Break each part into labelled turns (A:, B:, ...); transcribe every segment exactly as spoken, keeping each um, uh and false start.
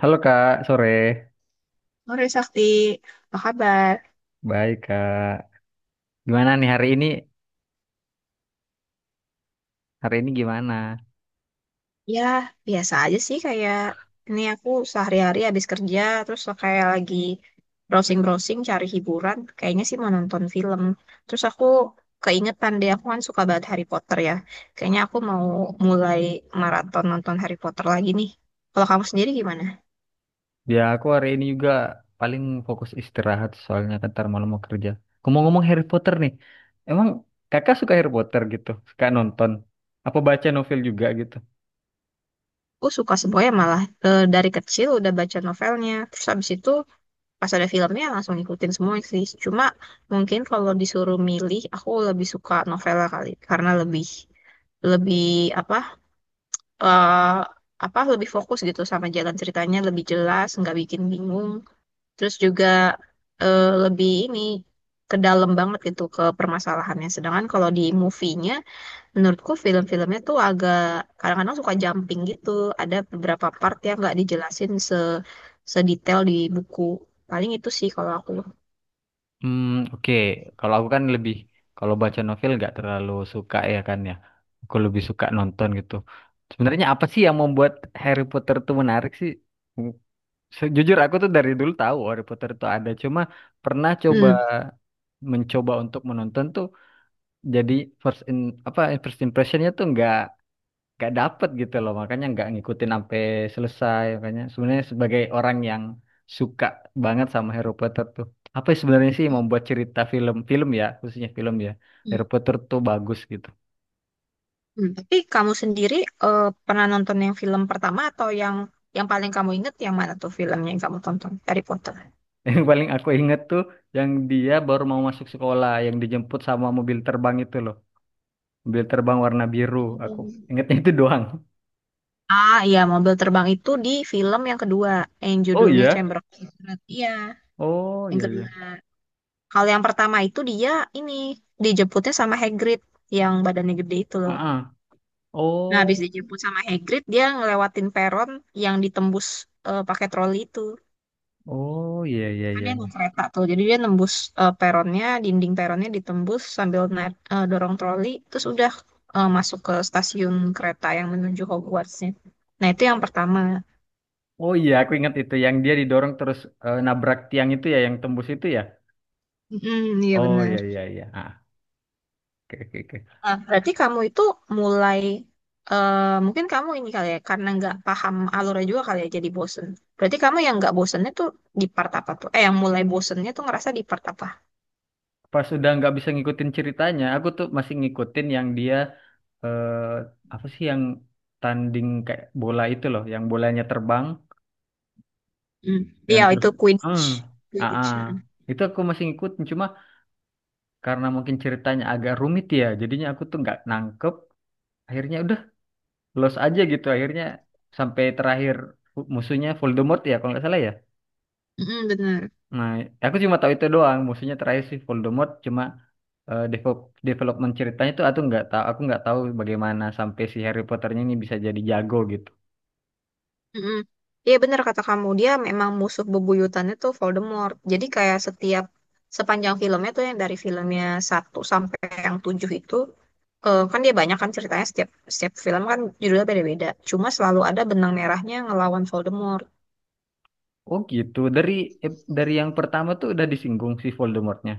A: Halo Kak, sore.
B: Sore Sakti, apa kabar?
A: Baik Kak. Gimana nih hari ini? Hari ini gimana?
B: Ya, biasa aja sih kayak ini aku sehari-hari habis kerja terus kayak lagi browsing-browsing cari hiburan, kayaknya sih mau nonton film. Terus aku keingetan deh aku kan suka banget Harry Potter ya. Kayaknya aku mau mulai maraton nonton Harry Potter lagi nih. Kalau kamu sendiri gimana?
A: Ya aku hari ini juga paling fokus istirahat soalnya kan ntar malam mau kerja. Ngomong-ngomong Harry Potter nih, emang kakak suka Harry Potter gitu? Suka nonton? Apa baca novel juga gitu?
B: Aku suka semuanya malah. Eh, dari kecil udah baca novelnya. Terus habis itu pas ada filmnya langsung ngikutin semua sih. Cuma mungkin kalau disuruh milih, aku lebih suka novela kali karena lebih lebih apa eh apa lebih fokus gitu sama jalan ceritanya lebih jelas, nggak bikin bingung. Terus juga eh, lebih ini ke dalam banget gitu ke permasalahannya. Sedangkan kalau di movie-nya, menurutku film-filmnya tuh agak kadang-kadang suka jumping gitu. Ada beberapa part yang nggak dijelasin se sedetail di buku. Paling itu sih kalau aku.
A: Hmm, oke. Kalau aku kan lebih, kalau baca novel nggak terlalu suka ya kan ya. Aku lebih suka nonton gitu. Sebenarnya apa sih yang membuat Harry Potter tuh menarik sih? Sejujur aku tuh dari dulu tahu Harry Potter itu ada, cuma pernah coba
B: Hmm.
A: mencoba untuk menonton tuh jadi first in apa first impressionnya tuh nggak nggak dapet gitu loh, makanya nggak ngikutin sampai selesai. Makanya sebenarnya sebagai orang yang suka banget sama Harry Potter tuh, apa sih sebenarnya sih yang membuat cerita film-film ya khususnya film ya
B: Hmm.
A: Harry Potter tuh bagus gitu.
B: Hmm. Tapi kamu sendiri eh, pernah nonton yang film pertama atau yang yang paling kamu ingat yang mana tuh filmnya yang kamu tonton Harry Potter?
A: Yang paling aku inget tuh yang dia baru mau masuk sekolah, yang dijemput sama mobil terbang itu loh. Mobil terbang warna biru, aku
B: Hmm.
A: ingetnya itu doang.
B: Ah iya, mobil terbang itu di film yang kedua yang
A: Oh
B: judulnya
A: iya,
B: Chamber of Secrets. Iya,
A: oh
B: yang
A: iya iya.
B: kedua. Kalau yang pertama itu dia ini dijemputnya sama Hagrid yang badannya gede itu
A: Ah
B: loh.
A: ah.
B: Nah
A: Oh.
B: habis dijemput sama Hagrid dia ngelewatin peron yang ditembus eh, pakai troli itu.
A: Oh iya iya
B: Kan
A: iya.
B: dia naik kereta tuh jadi dia nembus eh, peronnya dinding peronnya ditembus sambil naik eh, dorong troli terus udah eh, masuk ke stasiun kereta yang menuju Hogwartsnya, nah itu yang pertama.
A: Oh iya aku ingat itu yang dia didorong terus, eh, nabrak tiang itu ya yang tembus itu ya.
B: Mm, iya
A: Oh iya
B: benar.
A: iya iya. Ah. Oke oke oke.
B: Nah, berarti kamu itu mulai eh, mungkin kamu ini kali ya karena nggak paham alurnya juga kali ya jadi bosen, berarti kamu yang nggak bosennya tuh di part apa tuh eh yang mulai bosennya tuh ngerasa di part apa.
A: Pas udah nggak bisa ngikutin ceritanya aku tuh masih ngikutin yang dia, eh, apa sih yang tanding kayak bola itu loh yang bolanya terbang
B: Mm.
A: yang
B: Iya
A: terus.
B: itu Quidditch.
A: Hmm. Ah
B: Quidditch,
A: ah.
B: mm.
A: Itu aku masih ngikutin, cuma karena mungkin ceritanya agak rumit ya jadinya aku tuh nggak nangkep, akhirnya udah los aja gitu akhirnya sampai terakhir fu- musuhnya Voldemort ya kalau nggak salah ya.
B: Mm, benar.
A: Nah aku cuma tahu itu doang musuhnya terakhir si Voldemort, cuma eh, develop- development ceritanya tuh aku nggak tahu, aku nggak tahu bagaimana sampai si Harry Potternya ini bisa jadi jago gitu.
B: Mm-mm. Iya benar kata kamu, dia memang musuh bebuyutannya tuh Voldemort. Jadi kayak setiap sepanjang filmnya tuh yang dari filmnya satu sampai yang tujuh itu, eh, kan dia banyak kan ceritanya, setiap setiap film kan judulnya beda-beda. Cuma selalu ada benang merahnya ngelawan Voldemort.
A: Oh gitu, dari eh, dari yang pertama tuh udah disinggung si Voldemortnya.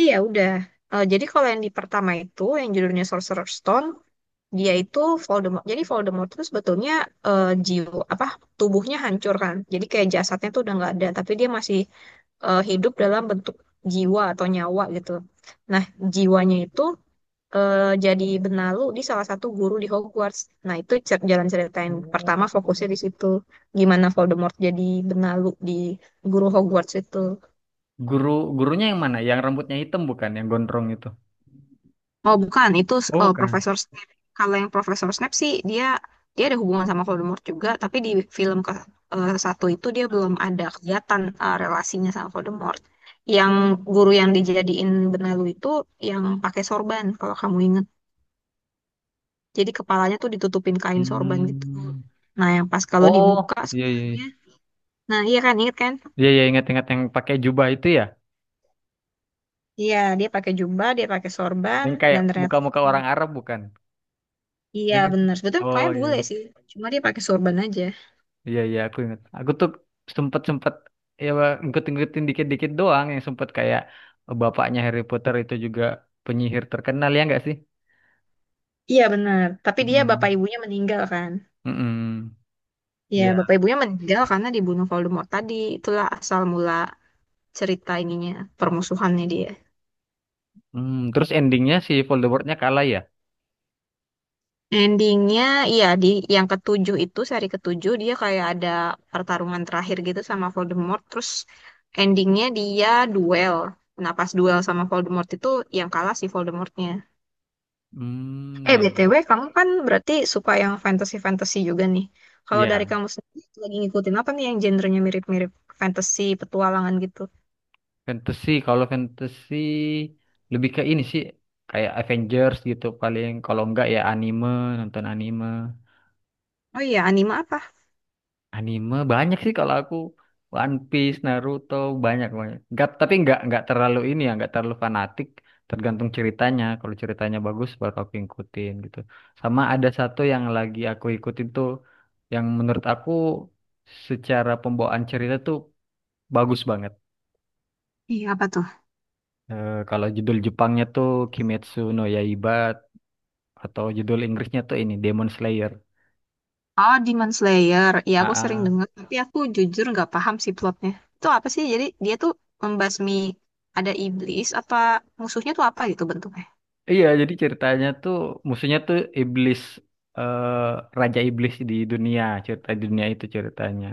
B: Iya udah. Eh, jadi kalau yang di pertama itu yang judulnya Sorcerer's Stone, dia itu Voldemort. Jadi Voldemort itu sebetulnya eh, jiwa apa tubuhnya hancur kan. Jadi kayak jasadnya tuh udah nggak ada, tapi dia masih eh, hidup dalam bentuk jiwa atau nyawa gitu. Nah, jiwanya itu eh, jadi benalu di salah satu guru di Hogwarts. Nah, itu cer- jalan cerita yang
A: Oh.
B: pertama fokusnya di situ. Gimana Voldemort jadi benalu di guru Hogwarts itu.
A: Guru gurunya yang mana, yang rambutnya hitam bukan yang gondrong itu?
B: Oh bukan, itu
A: Oh
B: eh,
A: kan.
B: Profesor Snape. Kalau yang Profesor Snape sih, dia dia ada hubungan sama Voldemort juga, tapi di film ke eh, satu itu dia belum ada kelihatan eh, relasinya sama Voldemort. Yang guru yang dijadiin benalu itu yang pakai sorban kalau kamu ingat. Jadi kepalanya tuh ditutupin kain sorban gitu.
A: Hmm.
B: Nah yang pas kalau
A: Oh,
B: dibuka
A: iya iya iya.
B: sekolahnya, nah iya kan inget kan?
A: Iya iya, ingat-ingat yang pakai jubah itu ya,
B: Iya dia pakai jubah, dia pakai sorban
A: yang kayak
B: dan ternyata
A: muka-muka orang Arab bukan? Iya
B: iya
A: nggak sih?
B: benar. Sebetulnya
A: Oh
B: mukanya
A: iya
B: bule
A: iya
B: sih, cuma dia pakai sorban aja.
A: iya. Iya, aku ingat. Aku tuh sempet sempet ya ngikut-ngikutin dikit-dikit doang yang sempet kayak bapaknya Harry Potter itu juga penyihir terkenal ya nggak sih?
B: Iya benar, tapi dia bapak
A: Mm-mm.
B: ibunya meninggal kan?
A: Mm-mm.
B: Iya,
A: Ya.
B: bapak ibunya meninggal karena dibunuh Voldemort tadi. Itulah asal mula cerita ininya, permusuhannya dia.
A: Hmm, terus endingnya si Voldemortnya kalah ya?
B: Endingnya, iya di yang ketujuh itu seri ketujuh dia kayak ada pertarungan terakhir gitu sama Voldemort. Terus endingnya dia duel. Nah pas duel sama Voldemort itu yang kalah si Voldemortnya.
A: Hmm,
B: Eh,
A: ya.
B: B T W, kamu kan berarti suka yang fantasy-fantasy juga nih. Kalau dari
A: Ya.
B: kamu sendiri lagi ngikutin apa nih yang genrenya mirip-mirip fantasy, petualangan gitu?
A: Fantasy, kalau fantasy lebih ke ini sih kayak Avengers gitu, paling kalau enggak ya anime, nonton anime.
B: Oh iya, anime apa?
A: Anime banyak sih kalau aku, One Piece, Naruto, banyak banyak. Enggak, tapi enggak enggak terlalu ini ya, enggak terlalu fanatik, tergantung ceritanya. Kalau ceritanya bagus baru aku ikutin gitu. Sama ada satu yang lagi aku ikutin tuh yang menurut aku secara pembawaan cerita tuh bagus banget.
B: Iya, apa tuh?
A: Eh, kalau judul Jepangnya tuh Kimetsu no Yaiba atau judul Inggrisnya tuh ini Demon Slayer.
B: Oh, Demon Slayer. Iya, aku sering
A: AA.
B: dengar, tapi aku jujur nggak paham sih plotnya. Itu apa sih? Jadi dia tuh membasmi, ada iblis apa musuhnya tuh apa gitu bentuknya?
A: Iya, jadi ceritanya tuh musuhnya tuh iblis, eh, raja iblis di dunia, cerita di dunia itu ceritanya.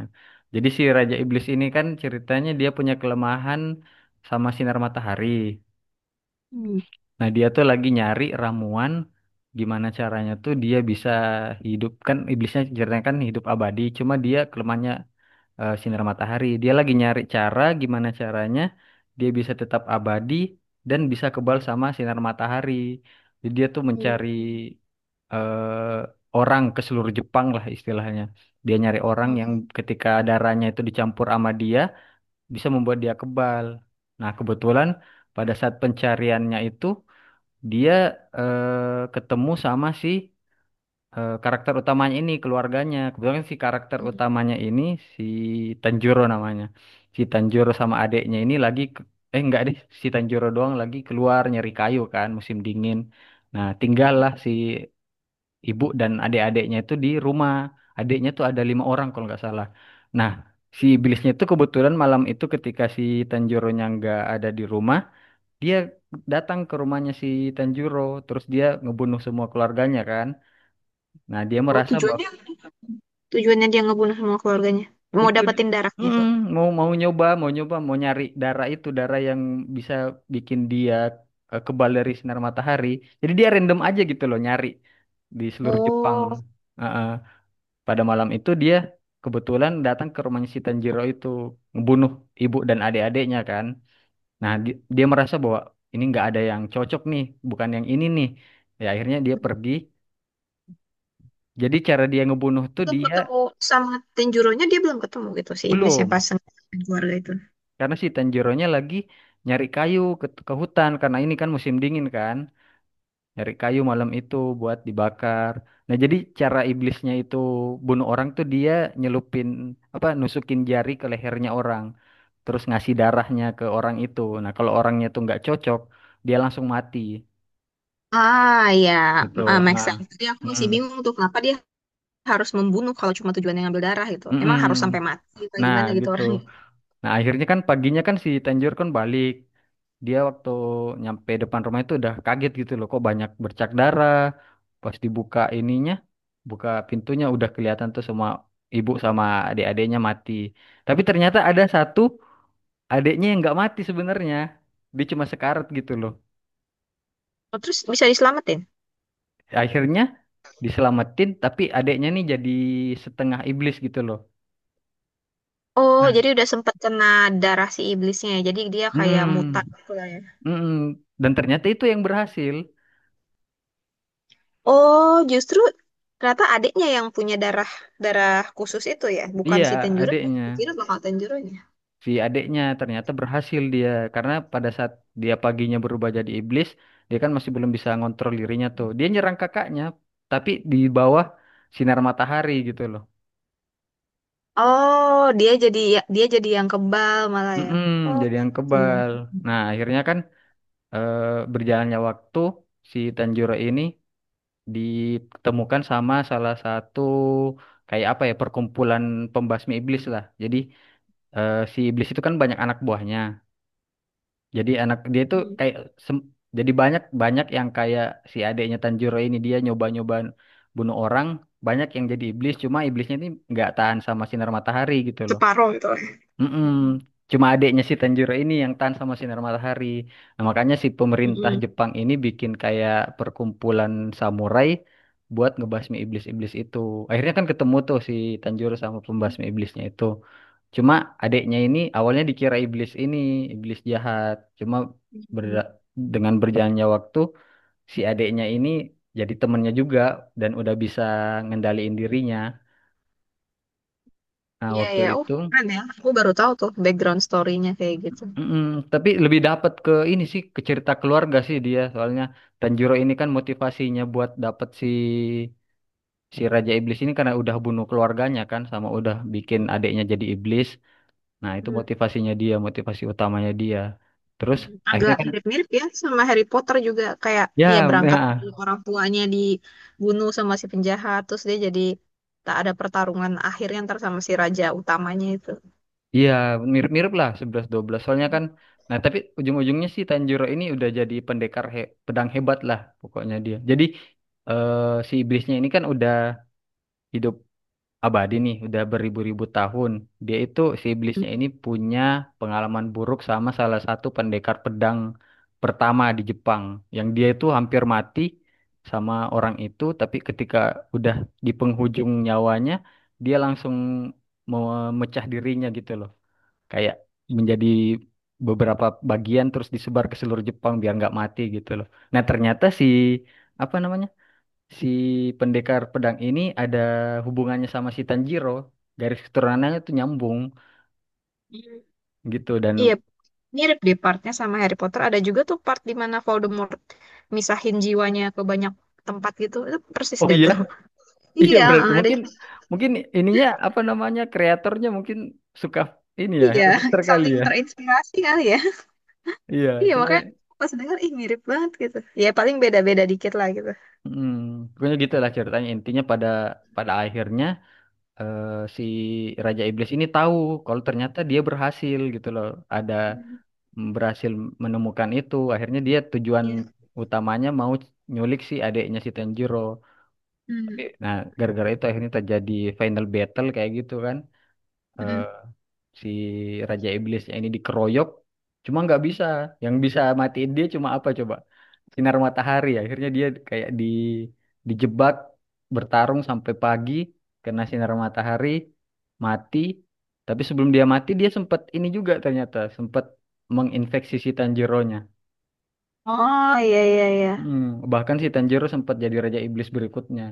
A: Jadi si raja iblis ini kan ceritanya dia punya kelemahan sama sinar matahari.
B: Hmm.
A: Nah, dia tuh lagi nyari ramuan gimana caranya tuh dia bisa hidup, kan iblisnya ceritanya kan hidup abadi, cuma dia kelemahannya eh, sinar matahari. Dia lagi nyari cara gimana caranya dia bisa tetap abadi dan bisa kebal sama sinar matahari. Jadi dia tuh mencari
B: Hmm.
A: eh, orang ke seluruh Jepang lah istilahnya. Dia nyari orang yang
B: Hmm.
A: ketika darahnya itu dicampur sama dia bisa membuat dia kebal. Nah, kebetulan pada saat pencariannya itu dia eh, ketemu sama si eh, karakter utamanya ini keluarganya. Kebetulan si karakter
B: Hmm.
A: utamanya ini si Tanjiro namanya. Si Tanjiro sama adeknya ini lagi ke- eh enggak deh, si Tanjiro doang lagi keluar nyari kayu kan musim dingin. Nah,
B: Hmm.
A: tinggallah si ibu dan adik-adiknya itu di rumah. Adiknya tuh ada lima orang kalau nggak salah. Nah, si iblisnya itu kebetulan malam itu ketika si Tanjironya nggak ada di rumah, dia datang ke rumahnya si Tanjiro, terus dia ngebunuh semua keluarganya kan. Nah, dia
B: Oh,
A: merasa
B: tujuannya
A: bahwa
B: tujuannya dia ngebunuh semua keluarganya. Mau
A: itu dia.
B: dapetin darahnya
A: Mm,
B: tuh.
A: mau mau nyoba, mau nyoba, mau nyari darah itu, darah yang bisa bikin dia eh, kebal dari sinar matahari. Jadi dia random aja gitu loh nyari di seluruh Jepang.
B: Oh.
A: Heeh. Pada malam itu dia kebetulan datang ke rumahnya si Tanjiro itu ngebunuh ibu dan adik-adiknya kan. Nah, di- dia merasa bahwa ini nggak ada yang cocok nih, bukan yang ini nih. Ya akhirnya dia pergi. Jadi cara dia ngebunuh tuh
B: Belum
A: dia
B: ketemu sama Tenjironya, dia belum ketemu gitu si iblis yang
A: belum.
B: pasang keluarga itu.
A: Karena si Tanjiro-nya lagi nyari kayu ke, ke hutan karena ini kan musim dingin kan. Nyari kayu malam itu buat dibakar. Nah, jadi cara iblisnya itu bunuh orang tuh dia nyelupin apa nusukin jari ke lehernya orang, terus ngasih darahnya ke orang itu. Nah, kalau orangnya tuh nggak cocok, dia langsung mati
B: Ah ya,
A: gitu.
B: ah, make
A: Ah.
B: sense. Jadi aku masih
A: Mm-mm.
B: bingung tuh kenapa dia harus membunuh kalau cuma tujuannya ngambil darah gitu. Emang harus sampai
A: Mm-mm.
B: mati apa
A: Nah,
B: gimana gitu
A: gitu.
B: orang itu.
A: Nah, akhirnya kan paginya kan si Tanjiro kan balik. Dia waktu nyampe depan rumah itu udah kaget gitu loh kok banyak bercak darah, pas dibuka ininya, buka pintunya udah kelihatan tuh semua ibu sama adik-adiknya mati, tapi ternyata ada satu adiknya yang nggak mati sebenarnya, dia cuma sekarat gitu loh.
B: Oh, terus bisa diselamatin?
A: Akhirnya diselamatin, tapi adiknya nih jadi setengah iblis gitu loh.
B: Oh,
A: Nah
B: jadi udah sempet kena darah si iblisnya ya. Jadi dia kayak
A: mm,
B: mutan gitu lah ya.
A: mm, dan ternyata itu yang berhasil.
B: Oh, justru ternyata adiknya yang punya darah darah khusus itu ya, bukan
A: Iya
B: si Tenjiro.
A: adiknya,
B: Kira bakal Tenjironya.
A: si adeknya ternyata berhasil dia, karena pada saat dia paginya berubah jadi iblis dia kan masih belum bisa ngontrol dirinya tuh dia nyerang kakaknya, tapi di bawah sinar matahari gitu loh.
B: Oh, dia jadi ya, dia jadi yang kebal malah ya.
A: Mm-mm,
B: Oh,
A: jadi yang
B: gitu.
A: kebal. Nah akhirnya kan eh, berjalannya waktu si Tanjiro ini ditemukan sama salah satu, kayak apa ya, perkumpulan pembasmi iblis lah, jadi eh, si iblis itu kan banyak anak buahnya. Jadi anak dia itu
B: Hmm.
A: kayak sem- jadi banyak banyak yang kayak si adeknya Tanjiro ini, dia nyoba-nyoba bunuh orang, banyak yang jadi iblis, cuma iblisnya ini nggak tahan sama sinar matahari gitu loh.
B: Separuh gitu lah.
A: Mm-mm. Cuma adiknya si Tanjiro ini yang tahan sama sinar matahari. Nah, makanya si pemerintah
B: Mm-mm.
A: Jepang ini bikin kayak perkumpulan samurai buat ngebasmi iblis-iblis itu. Akhirnya kan ketemu tuh si Tanjiro sama pembasmi iblisnya itu. Cuma adiknya ini awalnya dikira iblis ini, iblis jahat. Cuma
B: Mm-mm.
A: berda- dengan berjalannya waktu si adiknya ini jadi temennya juga dan udah bisa ngendaliin dirinya. Nah,
B: Iya
A: waktu
B: ya, oh
A: itu
B: keren ya. Aku baru tahu tuh background story-nya kayak gitu.
A: mm-mm, tapi lebih dapat ke ini sih, ke cerita keluarga sih dia, soalnya Tanjiro ini kan motivasinya buat dapat si si Raja Iblis ini karena udah bunuh keluarganya kan, sama udah bikin adiknya jadi iblis. Nah, itu
B: Hmm.
A: motivasinya dia, motivasi utamanya dia. Terus akhirnya
B: Agak
A: kan
B: mirip-mirip ya sama Harry Potter juga, kayak dia
A: ya,
B: berangkat dari
A: nah,
B: orang tuanya dibunuh sama si penjahat, terus dia jadi tak ada pertarungan akhirnya ntar sama si raja utamanya itu.
A: iya mirip-mirip lah sebelas dua belas soalnya kan. Nah tapi ujung-ujungnya sih Tanjiro ini udah jadi pendekar he- pedang hebat lah pokoknya dia. Jadi eh, si iblisnya ini kan udah hidup abadi nih udah beribu-ribu tahun. Dia itu si
B: Mm.
A: iblisnya ini punya pengalaman buruk sama salah satu pendekar pedang pertama di Jepang. Yang dia itu hampir mati sama orang itu, tapi ketika udah di penghujung nyawanya, dia langsung memecah dirinya gitu loh. Kayak menjadi beberapa bagian terus disebar ke seluruh Jepang biar nggak mati gitu loh. Nah ternyata si apa namanya, si pendekar pedang ini ada hubungannya sama si Tanjiro. Garis keturunannya tuh nyambung gitu. Dan
B: Iya, mirip deh partnya sama Harry Potter. Ada juga tuh part di mana Voldemort misahin jiwanya ke banyak tempat gitu. Itu persis
A: oh
B: deh
A: iya,
B: tuh.
A: iya
B: Iya,
A: berarti
B: ada
A: mungkin mungkin ininya apa namanya kreatornya mungkin suka ini ya
B: iya,
A: Harry Potter kali
B: saling
A: ya.
B: terinspirasi kali ya.
A: Iya,
B: Iya,
A: cuma
B: makanya pas denger ih mirip banget gitu. Ya paling beda-beda dikit lah gitu.
A: hmm, pokoknya gitu lah ceritanya, intinya pada pada akhirnya eh, si Raja Iblis ini tahu kalau ternyata dia berhasil gitu loh. Ada
B: Hmm,
A: berhasil menemukan itu. Akhirnya dia tujuan
B: iya.
A: utamanya mau nyulik si adeknya si Tanjiro. Tapi,
B: Hmm.
A: nah, gara-gara itu akhirnya terjadi final battle kayak gitu kan, eh,
B: Mm-mm.
A: si Raja Iblisnya ini dikeroyok, cuma nggak bisa. Yang bisa matiin dia cuma apa coba? Sinar matahari. Akhirnya dia kayak di dijebak bertarung sampai pagi, kena sinar matahari, mati. Tapi sebelum dia mati dia sempat ini juga, ternyata sempat menginfeksi si Tanjiro-nya.
B: Oh, iya, iya, iya.
A: Mm, bahkan si Tanjiro sempat jadi Raja Iblis berikutnya.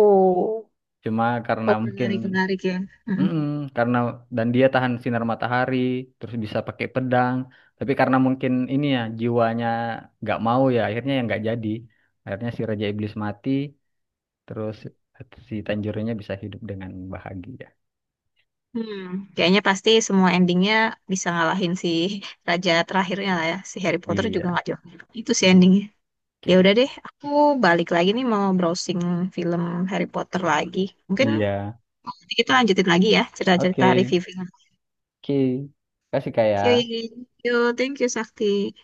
B: Oh,
A: Cuma karena
B: oh,
A: mungkin
B: menarik menarik ya. Mm-mm.
A: mm-mm, karena dan dia tahan sinar matahari, terus bisa pakai pedang. Tapi karena mungkin ini ya jiwanya nggak mau ya, akhirnya yang nggak jadi. Akhirnya si Raja Iblis mati, terus si Tanjurnya bisa hidup dengan bahagia.
B: Hmm, kayaknya pasti semua endingnya bisa ngalahin si raja terakhirnya lah ya. Si Harry Potter juga
A: Iya.
B: nggak jauh. Itu si endingnya. Ya
A: Oke.
B: udah deh, aku balik lagi nih mau browsing film Harry Potter lagi. Mungkin
A: Iya.
B: nanti kita lanjutin lagi ya cerita-cerita
A: Oke.
B: review film.
A: Oke. Kasih kayak.
B: Oke, yo, thank you Sakti.